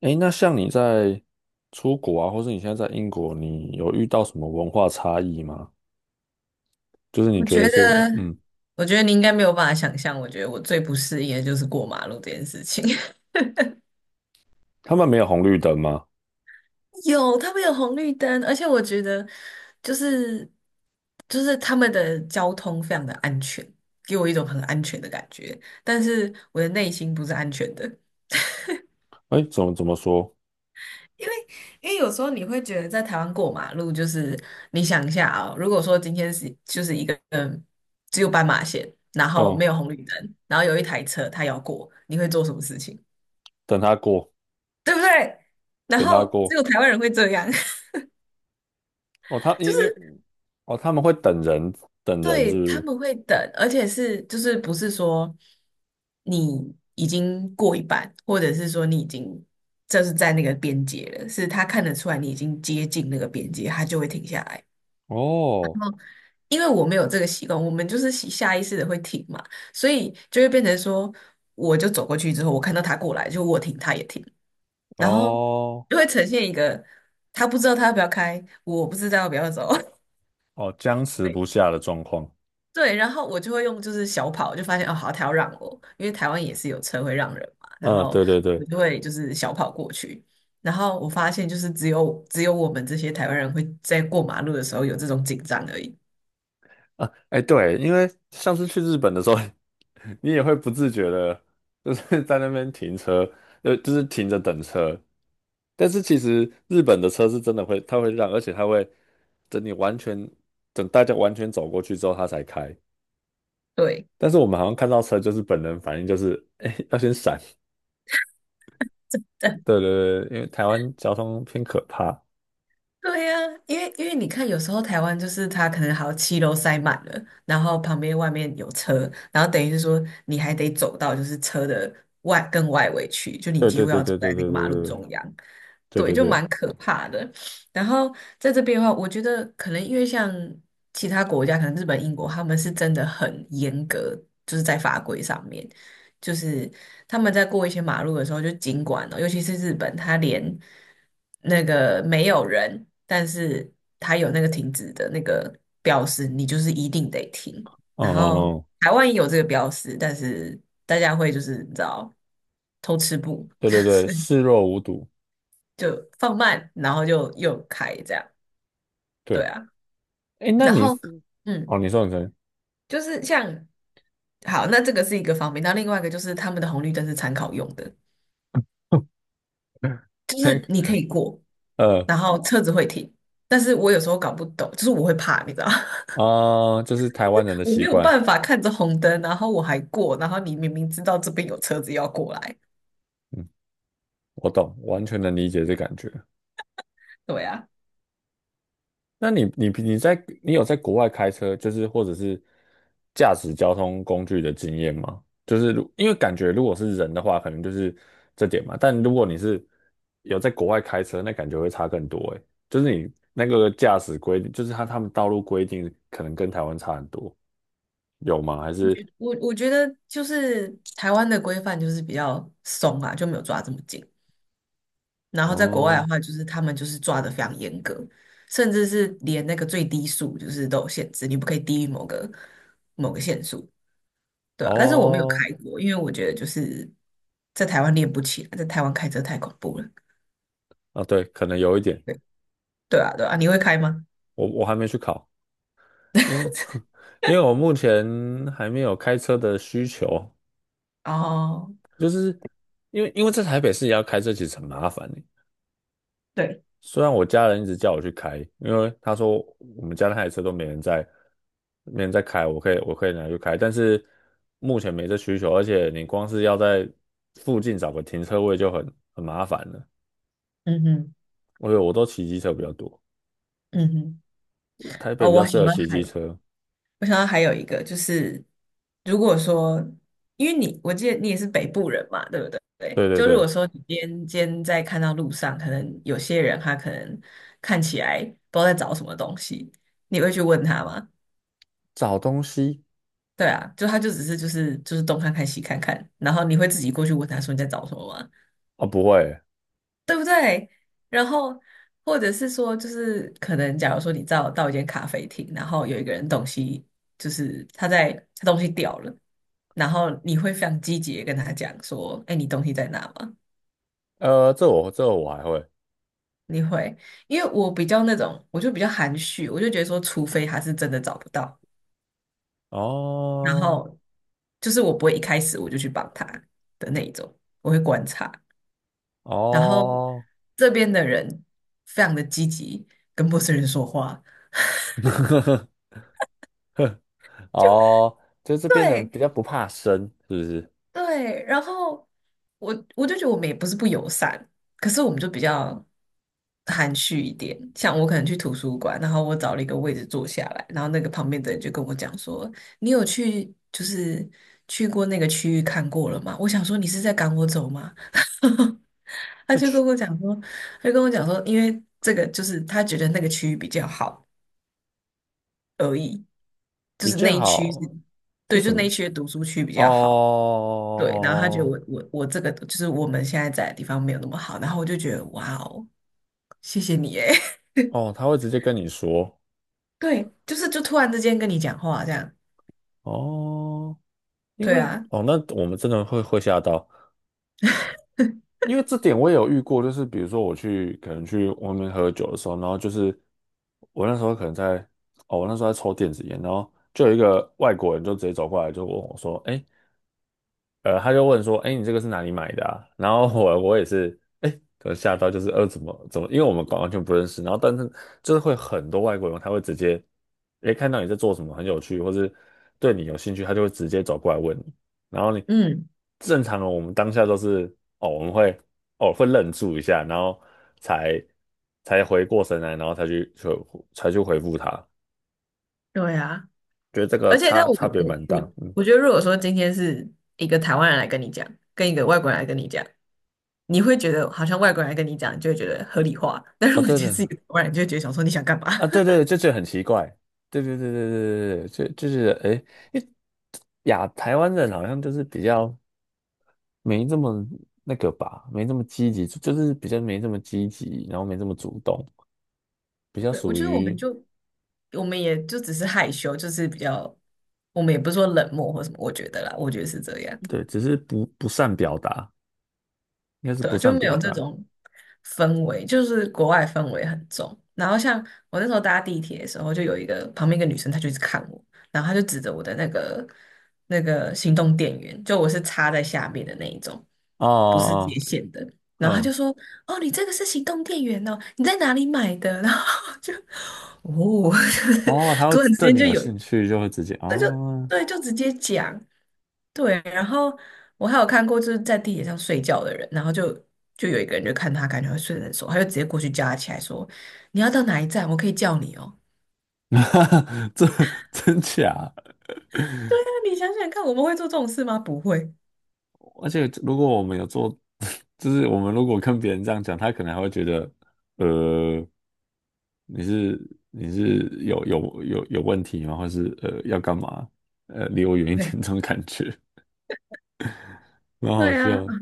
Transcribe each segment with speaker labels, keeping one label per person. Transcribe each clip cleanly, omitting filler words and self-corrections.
Speaker 1: 诶，那像你在出国啊，或是你现在在英国，你有遇到什么文化差异吗？就是你
Speaker 2: 我
Speaker 1: 觉
Speaker 2: 觉
Speaker 1: 得是，
Speaker 2: 得，
Speaker 1: 嗯，
Speaker 2: 我觉得你应该没有办法想象，我觉得我最不适应的就是过马路这件事情。
Speaker 1: 他们没有红绿灯吗？
Speaker 2: 有，他们有红绿灯，而且我觉得就是他们的交通非常的安全，给我一种很安全的感觉，但是我的内心不是安全的，
Speaker 1: 诶，怎么说？
Speaker 2: 因为因为有时候你会觉得在台湾过马路，就是你想一下啊、如果说今天是一个只有斑马线，然后没
Speaker 1: 哦，
Speaker 2: 有红绿灯，然后有一台车它要过，你会做什么事情？
Speaker 1: 等他过，
Speaker 2: 对不对？然
Speaker 1: 等他
Speaker 2: 后只
Speaker 1: 过。
Speaker 2: 有台湾人会这样，
Speaker 1: 哦，他
Speaker 2: 就
Speaker 1: 因
Speaker 2: 是
Speaker 1: 因哦，他们会等人，等人
Speaker 2: 对
Speaker 1: 是不
Speaker 2: 他
Speaker 1: 是？
Speaker 2: 们会等，而且是就是不是说你已经过一半，或者是说你已经就是在那个边界了，是他看得出来你已经接近那个边界，他就会停下来。
Speaker 1: 哦
Speaker 2: 因为我没有这个习惯，我们就是习下意识的会停嘛，所以就会变成说，我就走过去之后，我看到他过来，就我停，他也停，然后
Speaker 1: 哦
Speaker 2: 就会呈现一个他不知道他要不要开，我不知道要不要走。
Speaker 1: 哦，僵持不 下的状况。
Speaker 2: 对，然后我就会用就是小跑，就发现哦，好，他要让我，因为台湾也是有车会让人嘛，然
Speaker 1: 嗯，
Speaker 2: 后
Speaker 1: 对对
Speaker 2: 我
Speaker 1: 对。
Speaker 2: 就会就是小跑过去，然后我发现就是只有我们这些台湾人会在过马路的时候有这种紧张而已。
Speaker 1: 啊，哎，对，因为上次去日本的时候，你也会不自觉的，就是在那边停车，就是停着等车。但是其实日本的车是真的会，它会让，而且它会等你完全，等大家完全走过去之后，它才开。
Speaker 2: 对，
Speaker 1: 但是我们好像看到车，就是本能反应就是，哎，要先闪。对 对对，因为台湾交通偏可怕。
Speaker 2: 对呀、因为你看，有时候台湾就是它可能好七楼塞满了，然后旁边外面有车，然后等于是说你还得走到就是车的外更外围去，就你
Speaker 1: 对
Speaker 2: 几
Speaker 1: 对
Speaker 2: 乎
Speaker 1: 对
Speaker 2: 要走
Speaker 1: 对
Speaker 2: 在
Speaker 1: 对
Speaker 2: 那
Speaker 1: 对
Speaker 2: 个马路
Speaker 1: 对
Speaker 2: 中央，
Speaker 1: 对对
Speaker 2: 对，
Speaker 1: 对
Speaker 2: 就
Speaker 1: 对，
Speaker 2: 蛮可怕的。然后在这边的话，我觉得可能因为像其他国家，可能日本、英国，他们是真的很严格，就是在法规上面，就是。他们在过一些马路的时候，就尽管哦，尤其是日本，他连那个没有人，但是他有那个停止的那个标识，你就是一定得停。
Speaker 1: 嗯
Speaker 2: 然
Speaker 1: 嗯
Speaker 2: 后
Speaker 1: 哦，
Speaker 2: 台湾也有这个标识，但是大家会就是你知道偷吃不，
Speaker 1: 对
Speaker 2: 就
Speaker 1: 对对，
Speaker 2: 是
Speaker 1: 视若无睹。
Speaker 2: 就放慢，然后就又开这样，对
Speaker 1: 对。
Speaker 2: 啊。
Speaker 1: 哎，那
Speaker 2: 然
Speaker 1: 你
Speaker 2: 后嗯，
Speaker 1: 哦，你说你说，
Speaker 2: 就是像好，那这个是一个方面，那另外一个就是他们的红绿灯是参考用的，就是你可以过。
Speaker 1: 呃
Speaker 2: 然后车子会停，但是我有时候搞不懂，就是我会怕，你知道吗，
Speaker 1: 就是台湾人 的
Speaker 2: 我
Speaker 1: 习
Speaker 2: 没有
Speaker 1: 惯，
Speaker 2: 办法看着红灯，然后我还过，然后你明明知道这边有车子要过来，
Speaker 1: 嗯，我懂，完全能理解这感觉。
Speaker 2: 对啊，
Speaker 1: 那你在你有在国外开车，就是或者是驾驶交通工具的经验吗？就是如因为感觉如果是人的话，可能就是这点嘛。但如果你是有在国外开车，那感觉会差更多诶，就是你那个驾驶规定，就是他们道路规定可能跟台湾差很多，有吗？还是
Speaker 2: 我觉得就是台湾的规范就是比较松啊，就没有抓这么紧，然
Speaker 1: 嗯？
Speaker 2: 后在国外的
Speaker 1: 哦
Speaker 2: 话，就是他们就是抓的非常严格，甚至是连那个最低速就是都有限制，你不可以低于某个限速，对啊，但是我没有
Speaker 1: 哦，
Speaker 2: 开过，因为我觉得就是在台湾练不起来，在台湾开车太恐怖了。
Speaker 1: 啊，对，可能有一点，
Speaker 2: 对啊，对啊，你会开吗？
Speaker 1: 我还没去考，因为 因为我目前还没有开车的需求，
Speaker 2: 哦，
Speaker 1: 因为因为在台北市要开车其实很麻烦欸
Speaker 2: 对，
Speaker 1: 虽然我家人一直叫我去开，因为他说我们家那台车都没人在，没人在开，我可以拿去开，但是目前没这需求，而且你光是要在附近找个停车位就很麻烦了。
Speaker 2: 嗯哼，
Speaker 1: 我都骑机车比较多，
Speaker 2: 嗯哼，
Speaker 1: 台北
Speaker 2: 哦，
Speaker 1: 比较适合骑机车。
Speaker 2: 我想到还有一个就是，如果说，因为你，我记得你也是北部人嘛，对不对？对，
Speaker 1: 对对
Speaker 2: 就如
Speaker 1: 对，
Speaker 2: 果说你今天在看到路上，可能有些人他可能看起来不知道在找什么东西，你会去问他吗？
Speaker 1: 找东西。
Speaker 2: 对啊，就他就只是东看看西看看，然后你会自己过去问他说你在找什么吗？
Speaker 1: 啊，不会，
Speaker 2: 对不对？然后或者是说，就是可能假如说你到一间咖啡厅，然后有一个人东西就是他在他东西掉了，然后你会非常积极的跟他讲说："哎，你东西在哪吗？"
Speaker 1: 这我还会
Speaker 2: 你会，因为我比较那种，我就比较含蓄，我就觉得说，除非他是真的找不到，然
Speaker 1: 哦
Speaker 2: 后就是我不会一开始我就去帮他的那一种，我会观察。然后
Speaker 1: 哦
Speaker 2: 这边的人非常的积极，跟陌生人说话。
Speaker 1: 哦，就这边人
Speaker 2: 对，
Speaker 1: 比较不怕生，是不是？
Speaker 2: 对，然后我就觉得我们也不是不友善，可是我们就比较含蓄一点。像我可能去图书馆，然后我找了一个位置坐下来，然后那个旁边的人就跟我讲说："你有去就是去过那个区域看过了吗？"我想说你是在赶我走吗？他
Speaker 1: 那
Speaker 2: 就
Speaker 1: 去
Speaker 2: 跟我讲说，他就跟我讲说，因为这个就是他觉得那个区域比较好而已，就
Speaker 1: 比
Speaker 2: 是那
Speaker 1: 较
Speaker 2: 一区是，
Speaker 1: 好是
Speaker 2: 对，就
Speaker 1: 什么？
Speaker 2: 那一区的读书区比较好。对，然后他觉得
Speaker 1: 哦
Speaker 2: 我这个就是我们现在在的地方没有那么好，然后我就觉得哇哦，谢谢你诶，
Speaker 1: 哦，他会直接跟你说，
Speaker 2: 对，就是就突然之间跟你讲话这样，
Speaker 1: 哦，因
Speaker 2: 对
Speaker 1: 为
Speaker 2: 啊，
Speaker 1: 哦，那我们真的会吓到，因为这点我也有遇过，就是比如说我去可能去外面喝酒的时候，然后就是我那时候可能在哦，我那时候在抽电子烟，然后就有一个外国人就直接走过来就问我说：“哎，他就问说，哎，你这个是哪里买的啊？然后我也是，哎，我吓到，就是怎么，因为我们完全不认识，然后但是就是会很多外国人，他会直接，哎，看到你在做什么很有趣，或是对你有兴趣，他就会直接走过来问你，然后你
Speaker 2: 嗯，
Speaker 1: 正常的我们当下都是，哦，我们会哦会愣住一下，然后才才回过神来，然后才去回复他，
Speaker 2: 对啊，
Speaker 1: 觉得这个
Speaker 2: 而且但
Speaker 1: 差
Speaker 2: 我
Speaker 1: 差别
Speaker 2: 我
Speaker 1: 蛮大，
Speaker 2: 我
Speaker 1: 嗯，
Speaker 2: 我觉得，如果说今天是一个台湾人来跟你讲，跟一个外国人来跟你讲，你会觉得好像外国人来跟你讲，你就会觉得合理化，但如
Speaker 1: 哦，
Speaker 2: 果今
Speaker 1: 对
Speaker 2: 天
Speaker 1: 对。
Speaker 2: 是一个台湾人，就会觉得想说你想干嘛？
Speaker 1: 啊，对对，这很奇怪，对对对对对对对，就就是哎，诶因为亚台湾人好像就是比较没这么那个吧，没这么积极，就是比较没这么积极，然后没这么主动，比较
Speaker 2: 对，我
Speaker 1: 属
Speaker 2: 觉得我们
Speaker 1: 于
Speaker 2: 就我们也就只是害羞，就是比较，我们也不是说冷漠或什么，我觉得啦，我觉得是这样。
Speaker 1: 对，只是不善表达，应该是
Speaker 2: 对
Speaker 1: 不
Speaker 2: 啊，就
Speaker 1: 善
Speaker 2: 没
Speaker 1: 表
Speaker 2: 有这
Speaker 1: 达。
Speaker 2: 种氛围，就是国外氛围很重。然后像我那时候搭地铁的时候，就有一个旁边一个女生，她就一直看我，然后她就指着我的那个行动电源，就我是插在下面的那一种，
Speaker 1: 哦
Speaker 2: 不是接
Speaker 1: 哦
Speaker 2: 线的。
Speaker 1: 哦，
Speaker 2: 然后她就
Speaker 1: 嗯，
Speaker 2: 说："哦，你这个是行动电源哦，你在哪里买的？" 然后就哦，就是
Speaker 1: 哦，他会
Speaker 2: 突然之
Speaker 1: 对
Speaker 2: 间
Speaker 1: 你
Speaker 2: 就
Speaker 1: 有
Speaker 2: 有，
Speaker 1: 兴趣就会直接
Speaker 2: 那就
Speaker 1: 哦，
Speaker 2: 对，就直接讲。对，然后我还有看过就是在地铁上睡觉的人，然后就就有一个人就看他感觉会睡得很熟，他就直接过去叫他起来说："你要到哪一站？我可以叫你哦。"
Speaker 1: 这真假？
Speaker 2: 对啊，你想想看，我们会做这种事吗？不会。
Speaker 1: 而且如果我们有做，就是我们如果跟别人这样讲，他可能还会觉得，呃，你是有问题吗？或是呃要干嘛？呃，离我远一点这
Speaker 2: 对
Speaker 1: 种感觉，蛮好
Speaker 2: 对啊，
Speaker 1: 笑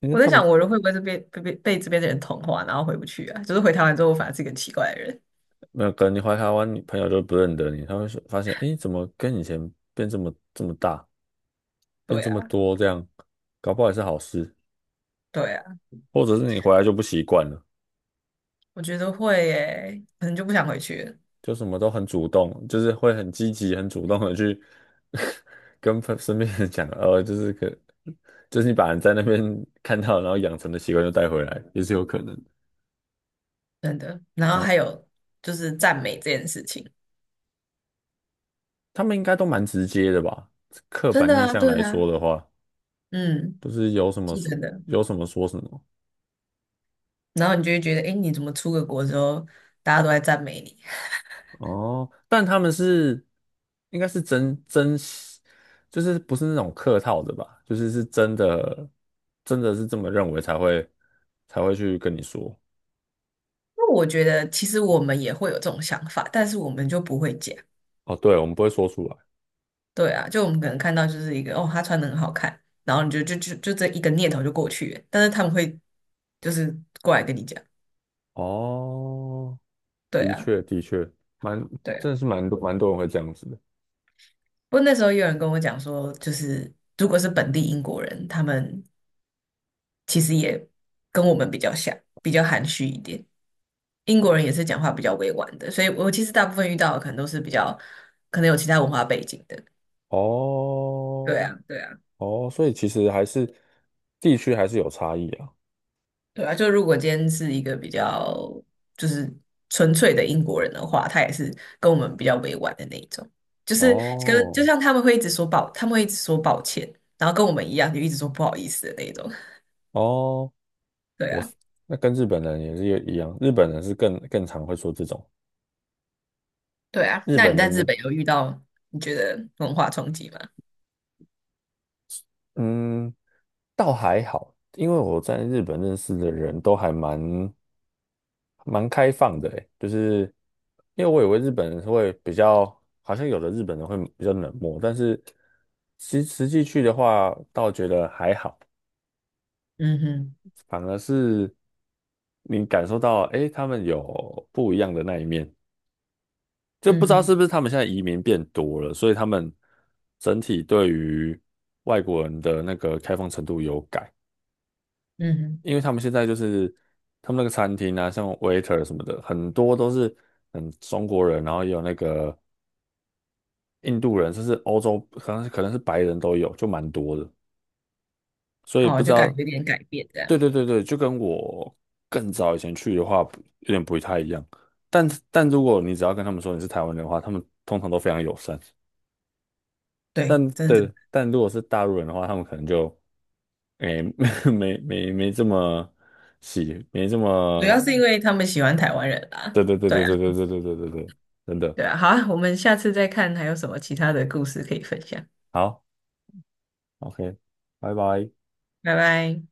Speaker 1: 因为
Speaker 2: 我在
Speaker 1: 他们
Speaker 2: 想，我人会不会这边被这边的人同化，然后回不去啊？就是回台湾之后，我反而是一个奇怪的人。
Speaker 1: 那个你回台湾，你朋友都不认得你，他会说发现，诶，怎么跟以前变这么大，变
Speaker 2: 对
Speaker 1: 这么
Speaker 2: 啊，
Speaker 1: 多这样，搞不好也是好事，
Speaker 2: 对啊，
Speaker 1: 或者是你回来就不习惯了。
Speaker 2: 我觉得会耶，可能就不想回去了，
Speaker 1: 就什么都很主动，就是会很积极、很主动的去 跟朋身边人讲，就是可，就是你把人在那边 看到，然后养成的习惯就带回来，也是有可能。
Speaker 2: 真的。然后
Speaker 1: 蛮
Speaker 2: 还有就是赞美这件事情，
Speaker 1: 他们应该都蛮直接的吧？刻
Speaker 2: 真
Speaker 1: 板
Speaker 2: 的
Speaker 1: 印
Speaker 2: 啊，
Speaker 1: 象
Speaker 2: 对
Speaker 1: 来
Speaker 2: 啊，
Speaker 1: 说的话，
Speaker 2: 嗯，
Speaker 1: 就是有什么
Speaker 2: 是
Speaker 1: 说
Speaker 2: 真的。
Speaker 1: 有什么说什么
Speaker 2: 然后你就会觉得，哎，你怎么出个国之后，大家都在赞美你？因
Speaker 1: 哦，但他们是应该是真真，就是不是那种客套的吧？就是是真的，真的是这么认为才会才会去跟你说。
Speaker 2: 为我觉得其实我们也会有这种想法，但是我们就不会讲。
Speaker 1: 哦，对，我们不会说出来。
Speaker 2: 对啊，就我们可能看到就是一个哦，他穿的很好看，然后你就这一个念头就过去了，但是他们会就是过来跟你讲，
Speaker 1: 哦，
Speaker 2: 对
Speaker 1: 的
Speaker 2: 啊。
Speaker 1: 确，的确，蛮，
Speaker 2: 对啊，
Speaker 1: 真的是蛮多蛮多人会这样子的。
Speaker 2: 不过那时候也有人跟我讲说，就是如果是本地英国人，他们其实也跟我们比较像，比较含蓄一点。英国人也是讲话比较委婉的，所以我其实大部分遇到的可能都是比较可能有其他文化背景的。对
Speaker 1: 哦，
Speaker 2: 啊，对啊，
Speaker 1: 哦，所以其实还是地区还是有差异啊。
Speaker 2: 对啊。就如果今天是一个比较就是纯粹的英国人的话，他也是跟我们比较委婉的那一种，就是跟就
Speaker 1: 哦，
Speaker 2: 像他们会一直说抱，他们会一直说抱歉，然后跟我们一样就一直说不好意思的那一种。
Speaker 1: 哦，
Speaker 2: 对
Speaker 1: 我
Speaker 2: 啊。
Speaker 1: 是那跟日本人也是一样，日本人是更常会说这种，
Speaker 2: 对啊，
Speaker 1: 日
Speaker 2: 那
Speaker 1: 本
Speaker 2: 你在
Speaker 1: 人
Speaker 2: 日
Speaker 1: 的
Speaker 2: 本有遇到你觉得文化冲击吗？
Speaker 1: 嗯，倒还好，因为我在日本认识的人都还蛮开放的，诶，就是因为我以为日本人会比较，好像有的日本人会比较冷漠，但是其实实际去的话，倒觉得还好，
Speaker 2: 嗯哼，
Speaker 1: 反而是你感受到，诶，他们有不一样的那一面，就不
Speaker 2: 嗯
Speaker 1: 知道是
Speaker 2: 哼，
Speaker 1: 不是他们现在移民变多了，所以他们整体对于外国人的那个开放程度有改。
Speaker 2: 嗯
Speaker 1: 因为他们现在就是他们那个餐厅啊，像 waiter 什么的，很多都是嗯中国人，然后也有那个印度人，甚至欧洲，可能是白人都有，就蛮多的。所以
Speaker 2: 哼，
Speaker 1: 不
Speaker 2: 哦，
Speaker 1: 知
Speaker 2: 就感
Speaker 1: 道，
Speaker 2: 觉有点改变这
Speaker 1: 对
Speaker 2: 样。
Speaker 1: 对对对，就跟我更早以前去的话，不有点不太一样。但但如果你只要跟他们说你是台湾人的话，他们通常都非常友善。
Speaker 2: 对，
Speaker 1: 但
Speaker 2: 真的真
Speaker 1: 对，
Speaker 2: 的
Speaker 1: 但如果是大陆人的话，他们可能就诶、没没没没这么喜，没这
Speaker 2: 主
Speaker 1: 么。
Speaker 2: 要是因为他们喜欢台湾人啦。
Speaker 1: 对对对
Speaker 2: 对
Speaker 1: 对
Speaker 2: 啊，
Speaker 1: 对对对对对对对，真的
Speaker 2: 对啊，好啊，我们下次再看还有什么其他的故事可以分享。
Speaker 1: 好，OK,拜拜。
Speaker 2: 拜拜。